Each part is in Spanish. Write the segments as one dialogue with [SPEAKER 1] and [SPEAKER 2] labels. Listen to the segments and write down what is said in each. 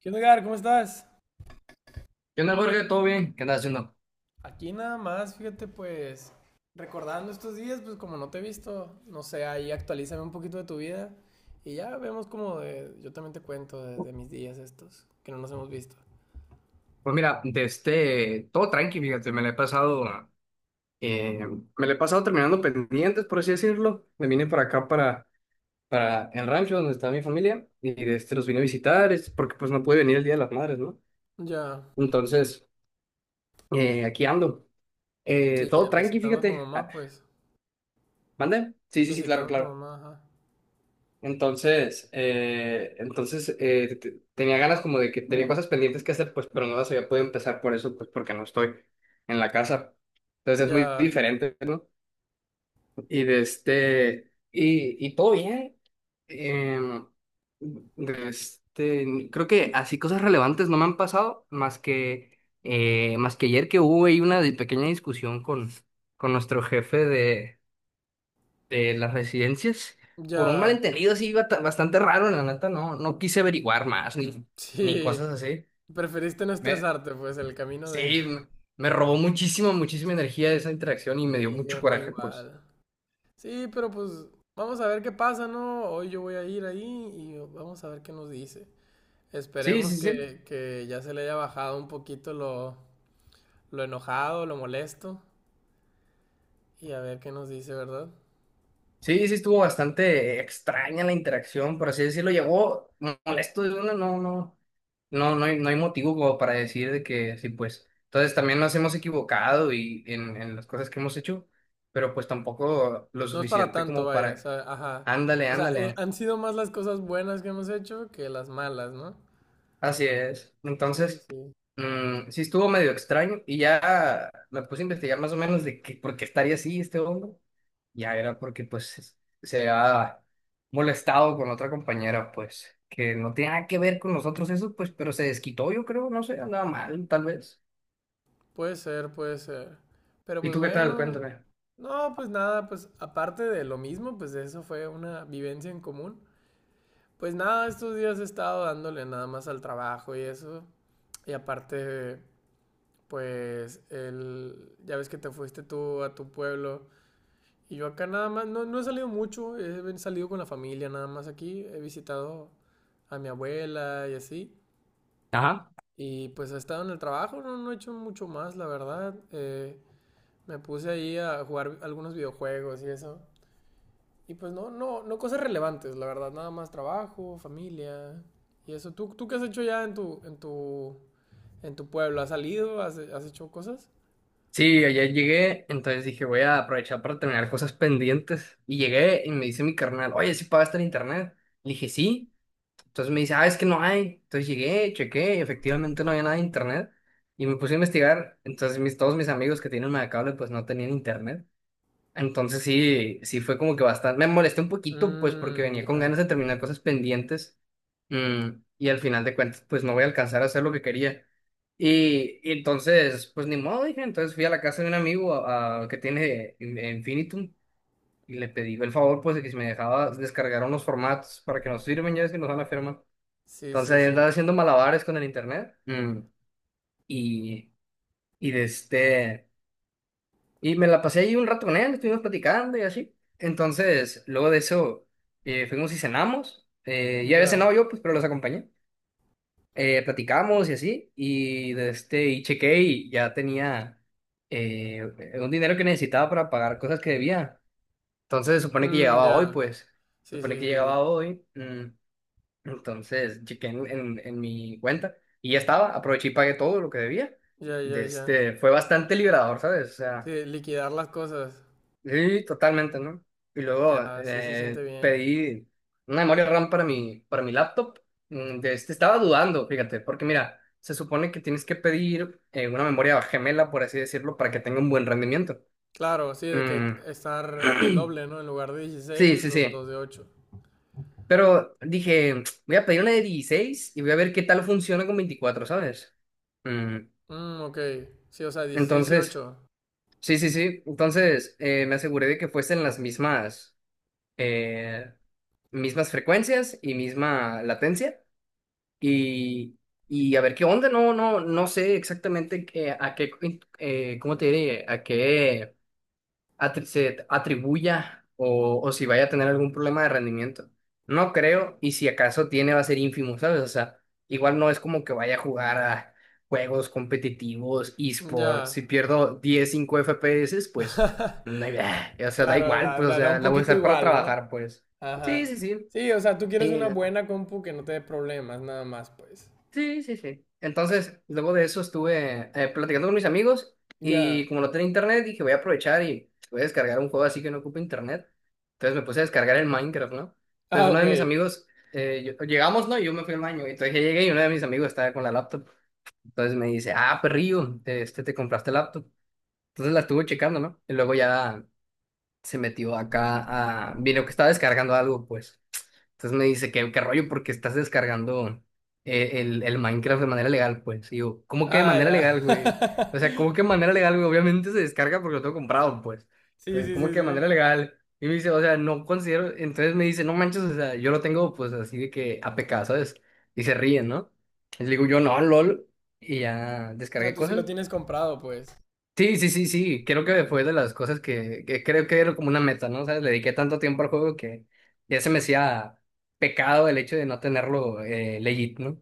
[SPEAKER 1] ¿Qué onda, Edgar? ¿Cómo estás?
[SPEAKER 2] ¿Qué onda, Jorge? ¿Todo bien? ¿Qué andas haciendo?
[SPEAKER 1] Aquí nada más, fíjate, pues, recordando estos días, pues como no te he visto, no sé, ahí actualízame un poquito de tu vida y ya vemos yo también te cuento de mis días estos, que no nos hemos visto.
[SPEAKER 2] Pues mira, todo tranqui, fíjate, eh, me la he pasado terminando pendientes, por así decirlo. Me vine para acá, para el rancho donde está mi familia, y los vine a visitar, es porque pues no pude venir el Día de las Madres, ¿no?
[SPEAKER 1] Ya,
[SPEAKER 2] Entonces, aquí ando.
[SPEAKER 1] sí,
[SPEAKER 2] Todo tranqui,
[SPEAKER 1] visitando a tu
[SPEAKER 2] fíjate. Ah,
[SPEAKER 1] mamá, pues,
[SPEAKER 2] ¿mande? Sí, sí, sí, claro,
[SPEAKER 1] visitando a tu
[SPEAKER 2] claro.
[SPEAKER 1] mamá, ajá.
[SPEAKER 2] Entonces, tenía ganas como de que tenía cosas pendientes que hacer, pues, pero no las había podido empezar por eso, pues, porque no estoy en la casa. Entonces es muy
[SPEAKER 1] Ya,
[SPEAKER 2] diferente, ¿no? Y todo bien. Em, Creo que así cosas relevantes no me han pasado, más que ayer que hubo ahí una pequeña discusión con nuestro jefe de las residencias. Por un
[SPEAKER 1] ya,
[SPEAKER 2] malentendido así bastante raro, la neta, no, no quise averiguar más ni
[SPEAKER 1] sí,
[SPEAKER 2] cosas así.
[SPEAKER 1] preferiste no
[SPEAKER 2] Me,
[SPEAKER 1] estresarte, pues, el camino de.
[SPEAKER 2] sí, me robó muchísima, muchísima energía esa interacción y me dio
[SPEAKER 1] Sí, a
[SPEAKER 2] mucho
[SPEAKER 1] mí
[SPEAKER 2] coraje, pues.
[SPEAKER 1] igual. Sí, pero pues, vamos a ver qué pasa, ¿no? Hoy yo voy a ir ahí y vamos a ver qué nos dice.
[SPEAKER 2] Sí,
[SPEAKER 1] Esperemos
[SPEAKER 2] sí, sí.
[SPEAKER 1] que ya se le haya bajado un poquito lo enojado, lo molesto y a ver qué nos dice, ¿verdad?
[SPEAKER 2] Sí, sí, estuvo bastante extraña la interacción, por así decirlo. Llegó molesto de una, no, no. No, no hay motivo como para decir de que sí, pues. Entonces también nos hemos equivocado y en las cosas que hemos hecho, pero pues tampoco lo
[SPEAKER 1] No es para
[SPEAKER 2] suficiente
[SPEAKER 1] tanto,
[SPEAKER 2] como
[SPEAKER 1] vaya, o
[SPEAKER 2] para,
[SPEAKER 1] sea, ajá.
[SPEAKER 2] ándale,
[SPEAKER 1] O sea,
[SPEAKER 2] ándale.
[SPEAKER 1] han sido más las cosas buenas que hemos hecho que las malas, ¿no?
[SPEAKER 2] Así es.
[SPEAKER 1] Sí,
[SPEAKER 2] Entonces,
[SPEAKER 1] sí.
[SPEAKER 2] sí estuvo medio extraño y ya me puse a investigar más o menos de que, por qué estaría así este hombre. Ya era porque pues se había molestado con otra compañera, pues, que no tenía nada que ver con nosotros eso, pues, pero se desquitó, yo creo, no sé, andaba mal, tal vez.
[SPEAKER 1] Puede ser, puede ser. Pero
[SPEAKER 2] ¿Y
[SPEAKER 1] pues
[SPEAKER 2] tú qué tal?
[SPEAKER 1] bueno,
[SPEAKER 2] Cuéntame.
[SPEAKER 1] no, pues nada, pues aparte de lo mismo, pues eso fue una vivencia en común. Pues nada, estos días he estado dándole nada más al trabajo y eso. Y aparte pues ya ves que te fuiste tú a tu pueblo y yo acá nada más, no, no he salido mucho, he salido con la familia nada más aquí, he visitado a mi abuela y así.
[SPEAKER 2] Ajá.
[SPEAKER 1] Y pues he estado en el trabajo, no, no he hecho mucho más, la verdad. Me puse ahí a jugar algunos videojuegos y eso. Y pues no, no, no cosas relevantes, la verdad, nada más trabajo, familia y eso. ¿Tú qué has hecho ya en tu pueblo? ¿Has salido? ¿Has hecho cosas?
[SPEAKER 2] Sí, ayer llegué, entonces dije, voy a aprovechar para terminar cosas pendientes. Y llegué y me dice mi carnal, oye, ¿sí pagaste el internet? Le dije, sí. Entonces me dice, ah, es que no hay. Entonces llegué, chequé, y efectivamente no había nada de internet. Y me puse a investigar. Entonces todos mis amigos que tienen una cable, pues no tenían internet. Entonces sí, sí fue como que bastante, me molesté un poquito pues porque
[SPEAKER 1] Mmm,
[SPEAKER 2] venía con
[SPEAKER 1] ya.
[SPEAKER 2] ganas de terminar cosas pendientes mm, y al final de cuentas pues no voy a alcanzar a hacer lo que quería. Y entonces pues ni modo dije, entonces fui a la casa de un amigo que tiene Infinitum y le pedí el favor pues de que si me dejaba descargar unos formatos para que nos sirven ya es que nos van a firmar.
[SPEAKER 1] Sí,
[SPEAKER 2] Entonces
[SPEAKER 1] sí,
[SPEAKER 2] ahí andaba
[SPEAKER 1] sí.
[SPEAKER 2] haciendo malabares con el internet y, y de este... Y me la pasé ahí un rato con él, estuvimos platicando y así. Entonces, luego de eso, fuimos y cenamos. Ya había
[SPEAKER 1] Ya.
[SPEAKER 2] cenado yo, pues, pero los acompañé. Platicamos y así. Y chequé y ya tenía eh, un dinero que necesitaba para pagar cosas que debía. Entonces, se supone que
[SPEAKER 1] Mm,
[SPEAKER 2] llegaba hoy,
[SPEAKER 1] ya.
[SPEAKER 2] pues. Se
[SPEAKER 1] Sí,
[SPEAKER 2] supone
[SPEAKER 1] sí,
[SPEAKER 2] que
[SPEAKER 1] sí, sí.
[SPEAKER 2] llegaba hoy. Entonces, chequé en mi cuenta y ya estaba. Aproveché y pagué todo lo que debía.
[SPEAKER 1] Ya, ya,
[SPEAKER 2] De
[SPEAKER 1] ya.
[SPEAKER 2] este, fue bastante liberador, ¿sabes? O sea.
[SPEAKER 1] Sí, liquidar las cosas.
[SPEAKER 2] Sí, totalmente, ¿no? Y luego
[SPEAKER 1] Ya, sí se siente bien.
[SPEAKER 2] pedí una memoria RAM para para mi laptop. Estaba dudando, fíjate, porque mira, se supone que tienes que pedir una memoria gemela, por así decirlo, para que tenga un buen rendimiento.
[SPEAKER 1] Claro, sí, de
[SPEAKER 2] Mm,
[SPEAKER 1] que estar doble, ¿no? En lugar de
[SPEAKER 2] Sí,
[SPEAKER 1] 16
[SPEAKER 2] sí,
[SPEAKER 1] 2
[SPEAKER 2] sí.
[SPEAKER 1] de ocho.
[SPEAKER 2] Pero dije, voy a pedir una de 16 y voy a ver qué tal funciona con 24, ¿sabes? Mm,
[SPEAKER 1] Mm, ok. Sí, o sea, 16 y
[SPEAKER 2] Entonces,
[SPEAKER 1] ocho.
[SPEAKER 2] sí, sí, sí. Entonces, me aseguré de que fuesen las mismas. eh, Mismas frecuencias y misma latencia y, y a ver qué onda, no, no, no sé exactamente a qué, ¿cómo te diré? A qué se atribuya o si vaya a tener algún problema de rendimiento. No creo y si acaso tiene va a ser ínfimo, ¿sabes? O sea, igual no es como que vaya a jugar a juegos competitivos, esports,
[SPEAKER 1] Ya.
[SPEAKER 2] si pierdo 10, 5 FPS, pues, no, o sea, da
[SPEAKER 1] Claro,
[SPEAKER 2] igual,
[SPEAKER 1] da,
[SPEAKER 2] pues, o
[SPEAKER 1] da, da
[SPEAKER 2] sea,
[SPEAKER 1] un
[SPEAKER 2] la voy a
[SPEAKER 1] poquito
[SPEAKER 2] usar para
[SPEAKER 1] igual, ¿no?
[SPEAKER 2] trabajar, pues. Sí,
[SPEAKER 1] Ajá.
[SPEAKER 2] sí,
[SPEAKER 1] Sí, o sea, tú
[SPEAKER 2] sí.
[SPEAKER 1] quieres una buena compu que no te dé problemas, nada más, pues.
[SPEAKER 2] Sí, sí, sí. Entonces, luego de eso estuve platicando con mis amigos
[SPEAKER 1] Ya.
[SPEAKER 2] y como no tenía internet, dije, voy a aprovechar y voy a descargar un juego así que no ocupe internet. Entonces me puse a descargar el Minecraft, ¿no? Entonces
[SPEAKER 1] Ah,
[SPEAKER 2] uno
[SPEAKER 1] ok.
[SPEAKER 2] de mis amigos, llegamos, ¿no? Y yo me fui al baño. Y entonces ya llegué y uno de mis amigos estaba con la laptop. Entonces me dice, ah, perrillo, te compraste laptop. Entonces la estuvo checando, ¿no? Y luego ya se metió acá a... Vino que estaba descargando algo, pues. Entonces me dice, qué rollo? Porque estás descargando el Minecraft de manera legal, pues. Y yo, ¿cómo que de
[SPEAKER 1] Ah,
[SPEAKER 2] manera
[SPEAKER 1] ya.
[SPEAKER 2] legal, güey? O sea, ¿cómo que de manera legal, güey? Obviamente se descarga porque lo tengo comprado, pues.
[SPEAKER 1] Sí,
[SPEAKER 2] Entonces,
[SPEAKER 1] sí,
[SPEAKER 2] ¿cómo
[SPEAKER 1] sí,
[SPEAKER 2] que de
[SPEAKER 1] sí.
[SPEAKER 2] manera legal? Y me dice, o sea, no considero. Entonces me dice, no manches, o sea, yo lo tengo, pues, así de que APK, ¿sabes? Y se ríen, ¿no? Y le digo, yo no, lol. Y ya
[SPEAKER 1] O sea,
[SPEAKER 2] descargué
[SPEAKER 1] tú sí lo
[SPEAKER 2] cosas.
[SPEAKER 1] tienes comprado, pues.
[SPEAKER 2] Sí, sí, sí, sí, creo que fue de las cosas que creo que era como una meta, ¿no? Sabes, le dediqué tanto tiempo al juego que ya se me hacía pecado el hecho de no tenerlo legit, ¿no?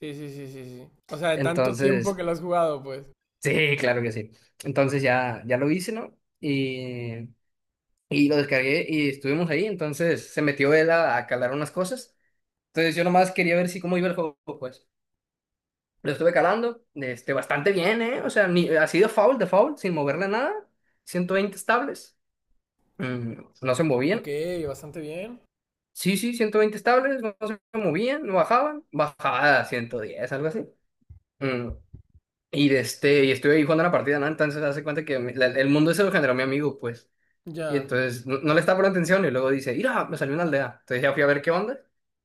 [SPEAKER 1] Sí, sí, sí, sí, sí. O sea, de tanto tiempo que
[SPEAKER 2] Entonces,
[SPEAKER 1] lo has jugado, pues.
[SPEAKER 2] sí, claro que sí. Entonces ya, ya lo hice, ¿no? Y lo descargué y estuvimos ahí, entonces se metió él a calar unas cosas. Entonces yo nomás quería ver si cómo iba el juego, pues. Lo estuve calando, bastante bien, ¿eh? O sea, ni, así de foul, sin moverle nada, 120 estables. Mm, no se
[SPEAKER 1] Ok,
[SPEAKER 2] movían.
[SPEAKER 1] bastante bien.
[SPEAKER 2] Sí, sí, 120 estables, no se movían, no bajaban. Bajaba a 110 algo así. Mm, y estuve ahí jugando la partida, ¿no? Entonces hace cuenta que el mundo ese lo generó mi amigo, pues. Y
[SPEAKER 1] Ya.
[SPEAKER 2] entonces no, no le estaba poniendo atención y luego dice, mira, me salió una aldea. Entonces ya fui a ver qué onda.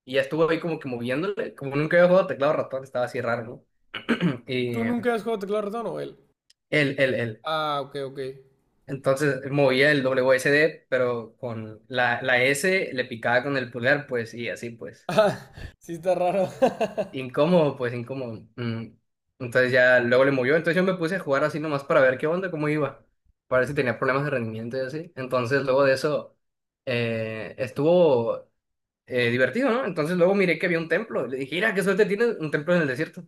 [SPEAKER 2] Y ya estuvo ahí como que moviéndole, como nunca había jugado teclado ratón, estaba así raro, ¿no? Y
[SPEAKER 1] ¿Tú nunca has jugado teclado ratón o él?
[SPEAKER 2] él.
[SPEAKER 1] Ah, ok, ok.
[SPEAKER 2] Entonces movía el WSD pero con la S le picaba con el pulgar, pues, y así, pues.
[SPEAKER 1] Ah, sí está raro.
[SPEAKER 2] Incómodo, pues incómodo. Mm. Entonces ya luego le movió. Entonces yo me puse a jugar así nomás para ver qué onda, cómo iba. Para ver si tenía problemas de rendimiento y así. Entonces luego de eso estuvo divertido, ¿no? Entonces luego miré que había un templo. Le dije, mira, qué suerte tienes, un templo en el desierto.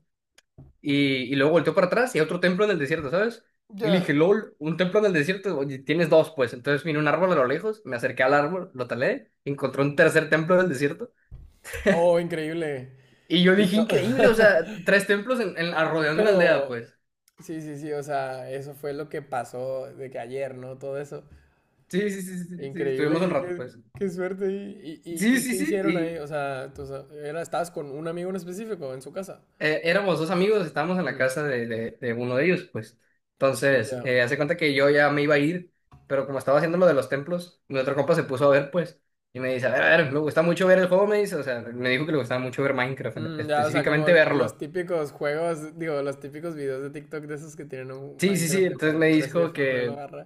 [SPEAKER 2] Y luego volteó para atrás y otro templo en el desierto, ¿sabes? Y le dije,
[SPEAKER 1] Ya.
[SPEAKER 2] lol, un templo en el desierto, oye, tienes dos, pues. Entonces vine a un árbol a lo lejos, me acerqué al árbol, lo talé, encontré un tercer templo en el desierto.
[SPEAKER 1] Oh, increíble.
[SPEAKER 2] Y yo
[SPEAKER 1] Y
[SPEAKER 2] dije,
[SPEAKER 1] to-
[SPEAKER 2] increíble, o sea, tres templos ah,
[SPEAKER 1] Sí,
[SPEAKER 2] rodeando una aldea,
[SPEAKER 1] pero,
[SPEAKER 2] pues.
[SPEAKER 1] sí, sí, sí, o sea, eso fue lo que pasó de que ayer, ¿no? Todo eso.
[SPEAKER 2] Sí, sí, sí, sí, sí,
[SPEAKER 1] Increíble,
[SPEAKER 2] estuvimos un
[SPEAKER 1] qué,
[SPEAKER 2] rato,
[SPEAKER 1] qué-
[SPEAKER 2] pues.
[SPEAKER 1] qué suerte. ¿Y, y, y-
[SPEAKER 2] Sí,
[SPEAKER 1] y qué
[SPEAKER 2] sí, sí,
[SPEAKER 1] hicieron ahí?
[SPEAKER 2] y
[SPEAKER 1] O sea, era, ¿estabas con un amigo en específico en su casa?
[SPEAKER 2] éramos dos amigos, estábamos en la casa de uno de ellos, pues. Entonces,
[SPEAKER 1] Ya.
[SPEAKER 2] hace cuenta que yo ya me iba a ir, pero como estaba haciendo lo de los templos, mi otro compa se puso a ver, pues, y me dice, a ver, me gusta mucho ver el juego, me dice, o sea, me dijo que le gustaba mucho ver Minecraft,
[SPEAKER 1] Ya, o sea, como
[SPEAKER 2] específicamente
[SPEAKER 1] los
[SPEAKER 2] verlo.
[SPEAKER 1] típicos juegos, digo, los típicos videos de TikTok de esos que tienen un
[SPEAKER 2] Sí, sí, sí,
[SPEAKER 1] Minecraft de
[SPEAKER 2] entonces me
[SPEAKER 1] parkour así de
[SPEAKER 2] dijo
[SPEAKER 1] fondo de lo
[SPEAKER 2] que.
[SPEAKER 1] agarra.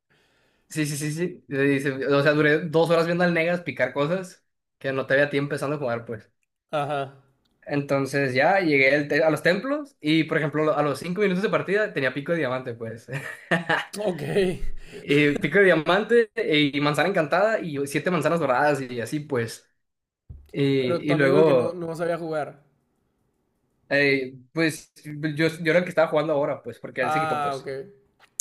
[SPEAKER 2] Sí, sí, sí, sí. Y dice, o sea, duré 2 horas viendo al Negas picar cosas que no te había tiempo empezando a jugar, pues.
[SPEAKER 1] Ajá.
[SPEAKER 2] Entonces ya llegué al a los templos y, por ejemplo, a los 5 minutos de partida tenía pico de diamante, pues.
[SPEAKER 1] Ok.
[SPEAKER 2] Y pico de diamante y manzana encantada y siete manzanas doradas y así, pues. Y,
[SPEAKER 1] Pero tu
[SPEAKER 2] y
[SPEAKER 1] amigo el que no,
[SPEAKER 2] luego,
[SPEAKER 1] no sabía jugar.
[SPEAKER 2] eh, pues, yo era el que estaba jugando ahora, pues, porque él se quitó,
[SPEAKER 1] Ah, ok.
[SPEAKER 2] pues.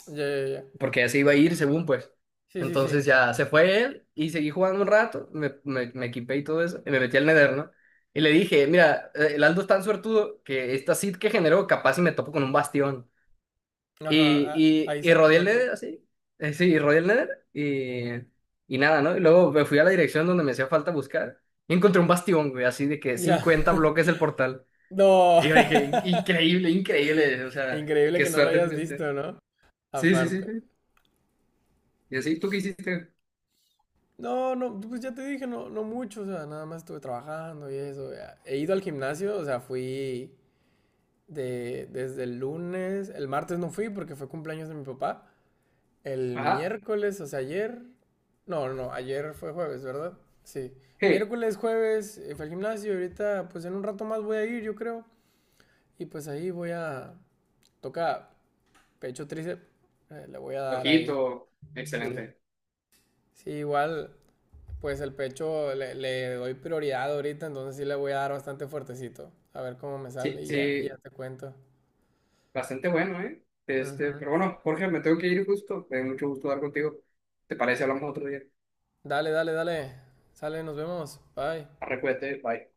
[SPEAKER 1] Ya, ya, ya.
[SPEAKER 2] Porque ya se iba a ir según pues.
[SPEAKER 1] Sí, sí, sí.
[SPEAKER 2] Entonces ya se fue él y seguí jugando un rato, me equipé y todo eso, y me metí al Nether, ¿no? Y le dije, mira, el Aldo es tan suertudo que esta seed que generó capaz y me topo con un bastión. Y,
[SPEAKER 1] Ajá. a-
[SPEAKER 2] y,
[SPEAKER 1] ahí
[SPEAKER 2] y rodeé el
[SPEAKER 1] saliendo, pues.
[SPEAKER 2] Nether así, sí, rodeé el Nether y nada, ¿no? Y luego me fui a la dirección donde me hacía falta buscar y encontré un bastión, güey, así de que
[SPEAKER 1] Ya.
[SPEAKER 2] 50 bloques del portal.
[SPEAKER 1] No.
[SPEAKER 2] Y yo dije, increíble, increíble, o sea,
[SPEAKER 1] Increíble
[SPEAKER 2] qué
[SPEAKER 1] que no lo
[SPEAKER 2] suerte
[SPEAKER 1] hayas
[SPEAKER 2] tienes.
[SPEAKER 1] visto, ¿no?
[SPEAKER 2] Sí, sí, sí,
[SPEAKER 1] Aparte.
[SPEAKER 2] sí. Y así, ¿tú qué hiciste?
[SPEAKER 1] No, no, pues ya te dije, no, no mucho, o sea, nada más estuve trabajando y eso. Ya. He ido al gimnasio, o sea, fui. Desde el lunes, el martes no fui porque fue cumpleaños de mi papá. El
[SPEAKER 2] Ajá.
[SPEAKER 1] miércoles, o sea, ayer, no, no, ayer fue jueves, ¿verdad? Sí.
[SPEAKER 2] Sí,
[SPEAKER 1] Miércoles, jueves, fue al gimnasio y ahorita, pues en un rato más voy a ir, yo creo. Y pues ahí toca pecho tríceps, le voy a dar ahí.
[SPEAKER 2] ojito,
[SPEAKER 1] Sí.
[SPEAKER 2] excelente.
[SPEAKER 1] Sí, igual, pues el pecho le doy prioridad ahorita, entonces sí le voy a dar bastante fuertecito. A ver cómo me
[SPEAKER 2] Sí,
[SPEAKER 1] sale y ya
[SPEAKER 2] sí,
[SPEAKER 1] te cuento.
[SPEAKER 2] bastante bueno, ¿eh? Este,
[SPEAKER 1] Ujú.
[SPEAKER 2] pero bueno, Jorge, me tengo que ir justo. Me dio mucho gusto hablar contigo. ¿Te parece? Hablamos otro día.
[SPEAKER 1] Dale, dale, dale. Sale, nos vemos. Bye.
[SPEAKER 2] Arre, cuídate, bye.